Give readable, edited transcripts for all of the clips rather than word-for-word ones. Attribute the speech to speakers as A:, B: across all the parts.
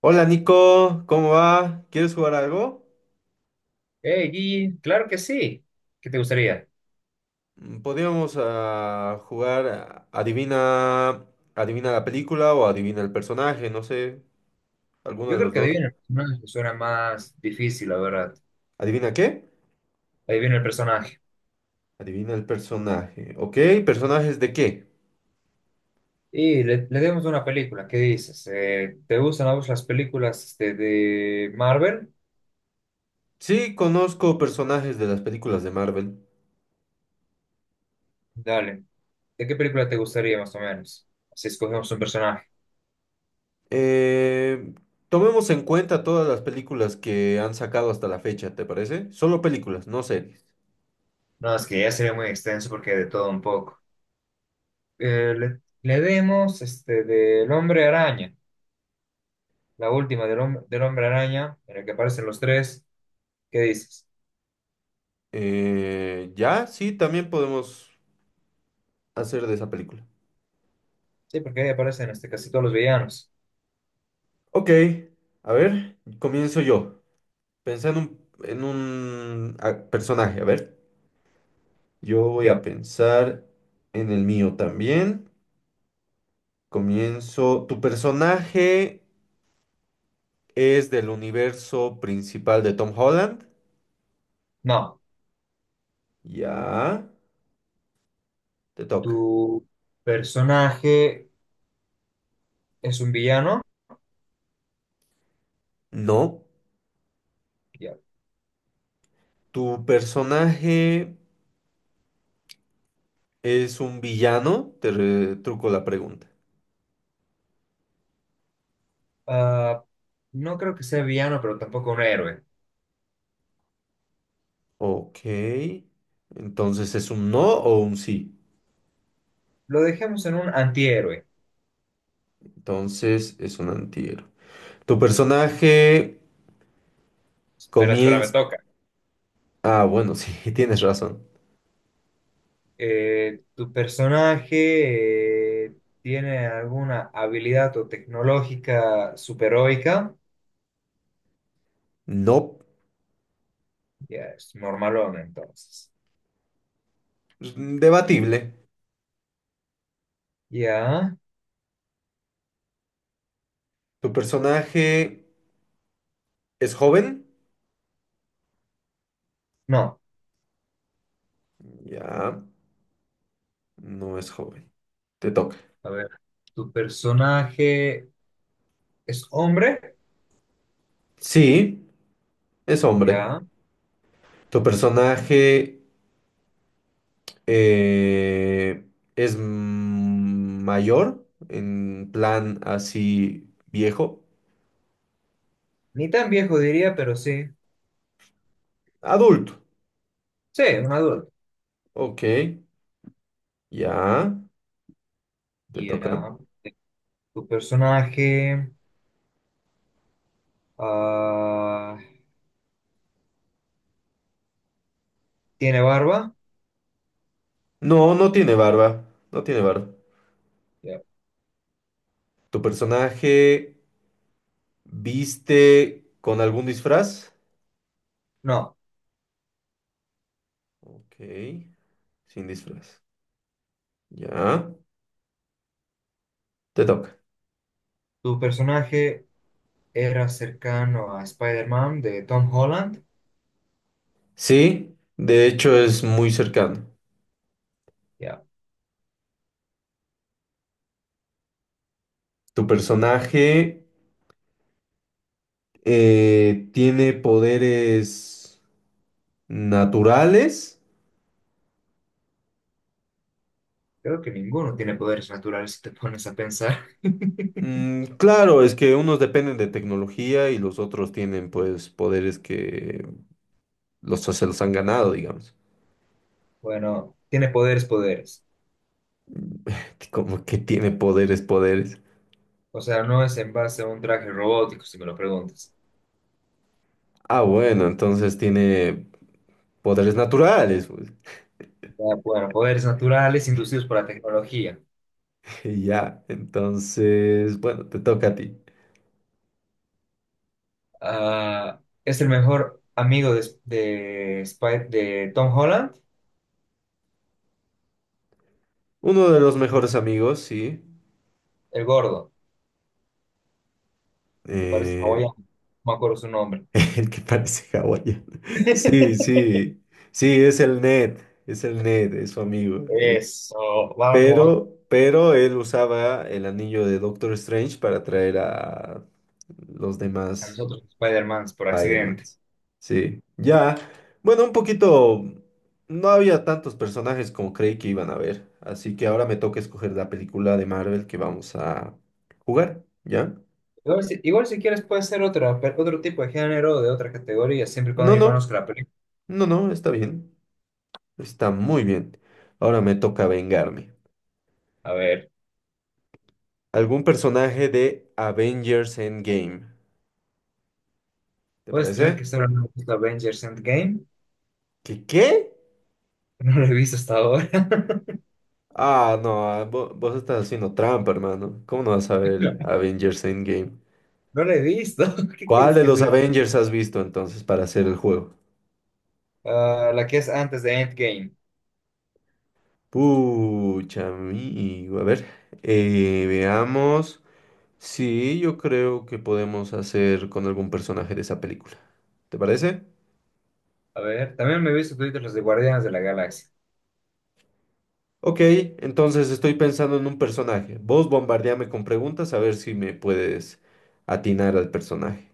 A: Hola Nico, ¿cómo va? ¿Quieres jugar algo?
B: Hey, Gigi, claro que sí. ¿Qué te gustaría?
A: Podríamos jugar adivina la película o adivina el personaje, no sé, alguno
B: Yo
A: de
B: creo
A: los
B: que
A: dos.
B: adivina el personaje suena más difícil, la verdad.
A: ¿Adivina qué?
B: Adivina el personaje.
A: Adivina el personaje. Ok, ¿personajes de qué?
B: Y le demos una película, ¿qué dices? ¿Te gustan a vos las películas este, de Marvel?
A: Sí, conozco personajes de las películas de Marvel.
B: Dale. ¿De qué película te gustaría más o menos? Así escogemos un personaje.
A: Eh, Tomemos en cuenta todas las películas que han sacado hasta la fecha, ¿te parece? Solo películas, no series.
B: No, es que ya sería muy extenso porque de todo un poco. Le demos este, del Hombre Araña, la última del Hombre Araña, en la que aparecen los tres. ¿Qué dices?
A: Ya, sí, también podemos hacer de esa película.
B: Sí, porque ahí aparecen este, casi todos los villanos.
A: Ok, a ver, comienzo yo. Pensando en un personaje, a ver. Yo voy a
B: Yo,
A: pensar en el mío también. Comienzo. ¿Tu personaje es del universo principal de Tom Holland?
B: no.
A: Ya, te
B: Tu
A: toca.
B: personaje es un villano.
A: No.
B: Yo,
A: ¿Tu personaje es un villano? Te retruco la pregunta.
B: ah, no creo que sea villano, pero tampoco un héroe.
A: Ok. Entonces, ¿es un no o un sí?
B: Lo dejemos en un antihéroe.
A: Entonces, es un antihéroe. Tu personaje
B: Espera, espera, me
A: comienza...
B: toca.
A: Ah, bueno, sí, tienes razón.
B: ¿Tu personaje tiene alguna habilidad o tecnológica superheroica?
A: No,
B: Ya, es normalón entonces.
A: pues, debatible.
B: Ya,
A: Tu personaje es joven.
B: no.
A: Ya, no es joven. Te toca.
B: A ver, ¿tu personaje es hombre?
A: Sí, es hombre.
B: Ya.
A: Tu personaje eh, es mayor, en plan así viejo.
B: Ni tan viejo diría, pero sí.
A: Adulto.
B: Sí, un adulto.
A: Ok, ya, te toca.
B: Ya. ¿Tu personaje ah, tiene barba?
A: No, no tiene barba. No tiene barba.
B: Ya.
A: Tu personaje... ¿Viste con algún disfraz?
B: No.
A: Ok, sin disfraz. Ya, te toca.
B: ¿Tu personaje era cercano a Spider-Man de Tom Holland?
A: Sí, de hecho es muy cercano.
B: Ya.
A: Tu personaje tiene poderes naturales.
B: Creo que ninguno tiene poderes naturales si te pones a pensar.
A: Claro, es que unos dependen de tecnología y los otros tienen pues poderes que se los han ganado, digamos.
B: Bueno, tiene poderes, poderes.
A: Como que tiene poderes, poderes.
B: O sea, no es en base a un traje robótico, si me lo preguntas.
A: Ah, bueno, entonces tiene poderes naturales, pues.
B: Ya, bueno, poderes naturales inducidos por la tecnología.
A: Ya, entonces, bueno, te toca a ti.
B: Ah, es el mejor amigo de Tom Holland,
A: Uno de los mejores amigos, sí.
B: el gordo, que parece
A: eh,
B: hawaiano, no me acuerdo su nombre.
A: el que parece hawaiano. Sí, sí, sí, es el Ned, es el Ned, es su amigo. El,
B: Eso, vamos.
A: pero él usaba el anillo de Doctor Strange para atraer a los
B: A
A: demás.
B: nosotros Spider-Man por
A: Spider-Man.
B: accidente.
A: Sí, ya. Bueno, un poquito. No había tantos personajes como creí que iban a haber. Así que ahora me toca escoger la película de Marvel que vamos a jugar. ¿Ya?
B: Igual si quieres puede ser otra, pe- otro tipo de género, o de otra categoría, siempre y cuando
A: No,
B: yo
A: no.
B: conozca la película.
A: No, no. Está bien. Está muy bien. Ahora me toca vengarme.
B: A ver,
A: ¿Algún personaje de Avengers Endgame? ¿Te
B: ¿puedes creer
A: parece?
B: que estoy hablando de Avengers Endgame?
A: ¿Qué qué?
B: No lo he visto hasta ahora.
A: Ah, no. Vos, estás haciendo trampa, hermano. ¿Cómo no vas a ver Avengers Endgame?
B: No lo he visto. ¿Qué
A: ¿Cuál
B: quieres
A: de
B: que
A: los
B: te...
A: Avengers has visto entonces para hacer el juego?
B: Ah, la que es antes de Endgame.
A: Pucha, amigo. A ver, veamos. Sí, yo creo que podemos hacer con algún personaje de esa película. ¿Te parece?
B: A ver, también me he visto toditos los de Guardianes de la Galaxia.
A: Ok, entonces estoy pensando en un personaje. Vos bombardeame con preguntas a ver si me puedes atinar al personaje.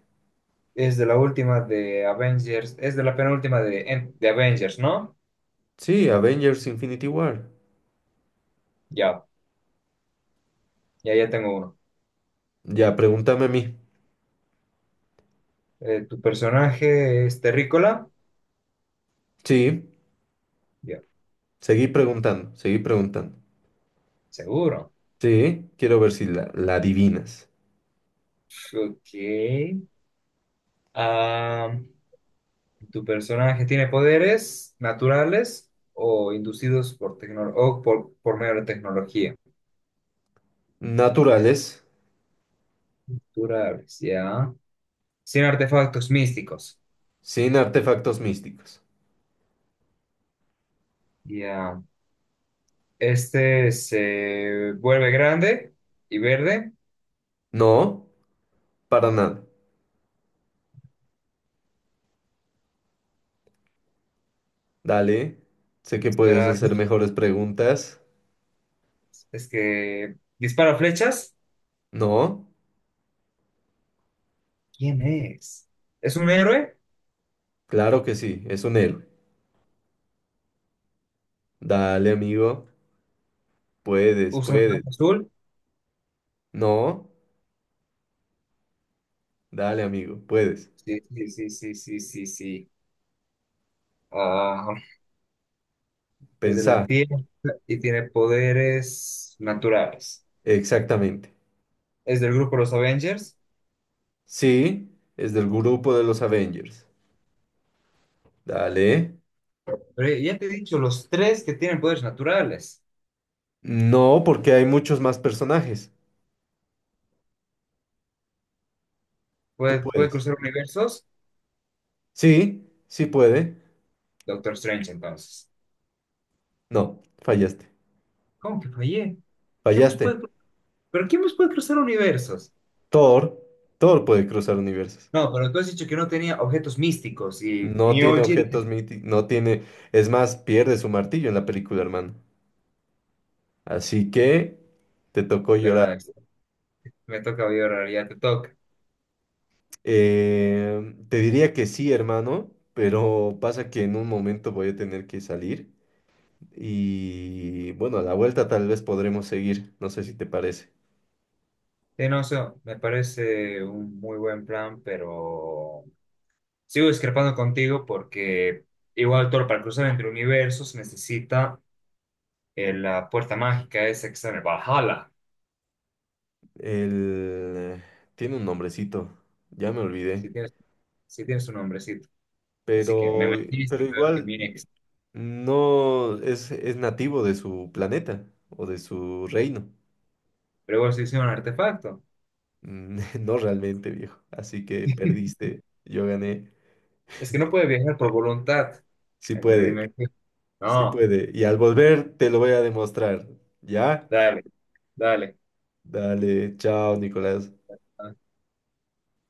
B: Es de la última de Avengers, es de la penúltima de Avengers, ¿no?
A: Sí, Avengers Infinity War.
B: Ya, ya tengo uno.
A: Ya, pregúntame a mí.
B: ¿Tu personaje es terrícola?
A: Sí,
B: Ya,
A: seguí preguntando, seguí preguntando.
B: seguro.
A: Sí, quiero ver si la adivinas.
B: Ok. Ah, ¿tu personaje tiene poderes naturales o inducidos o por medio de tecnología?
A: Naturales,
B: Naturales, ya. Sin artefactos místicos.
A: sin artefactos místicos.
B: Ya. Este se vuelve grande y verde.
A: No, para nada. Dale, sé que puedes
B: Espera,
A: hacer mejores preguntas.
B: es que dispara flechas.
A: No,
B: ¿Quién es? ¿Es un héroe?
A: claro que sí, es un héroe. Dale, amigo, puedes,
B: ¿Usa un
A: puedes.
B: traje azul?
A: No, dale, amigo, puedes.
B: Sí, sí, sí, sí, sí, sí, sí. Ah, es de la
A: Pensá,
B: Tierra y tiene poderes naturales.
A: exactamente.
B: Es del grupo Los Avengers.
A: Sí, es del grupo de los Avengers. Dale.
B: Pero ya te he dicho, los tres que tienen poderes naturales.
A: No, porque hay muchos más personajes. Tú
B: Puede
A: puedes.
B: cruzar universos.
A: Sí, sí puede.
B: Doctor Strange, entonces.
A: No, fallaste.
B: ¿Cómo que fallé? ¿Qué más
A: Fallaste.
B: puede, cru- ¿pero quién más puede cruzar universos?
A: Thor, Thor puede cruzar universos.
B: No, pero tú has dicho que no tenía objetos místicos y
A: No
B: mi
A: tiene
B: Oji,
A: objetos míticos, no tiene... Es más, pierde su martillo en la película, hermano. Así que te tocó llorar.
B: ¿verdad? Me toca vibrar, ya te toca.
A: Te diría que sí, hermano, pero pasa que en un momento voy a tener que salir. Y bueno, a la vuelta tal vez podremos seguir. No sé si te parece.
B: Sí, no, sé, me parece un muy buen plan, pero sigo discrepando contigo porque igual todo para cruzar entre universos necesita la puerta mágica esa que está en el Valhalla,
A: El... Tiene un nombrecito, ya me
B: si
A: olvidé.
B: tienes, si tienes un nombrecito. Así que me
A: Pero,
B: metiste
A: pero
B: peor que
A: igual...
B: mi ex,
A: No es, es nativo de su planeta o de su reino.
B: pero igual se hizo un artefacto.
A: No realmente, viejo. Así que perdiste, yo gané.
B: Es que no puede viajar por voluntad
A: Sí
B: entre
A: puede,
B: dimensiones.
A: sí
B: No,
A: puede. Y al volver te lo voy a demostrar. ¿Ya?
B: dale, dale.
A: Dale, chao, Nicolás.
B: Ah,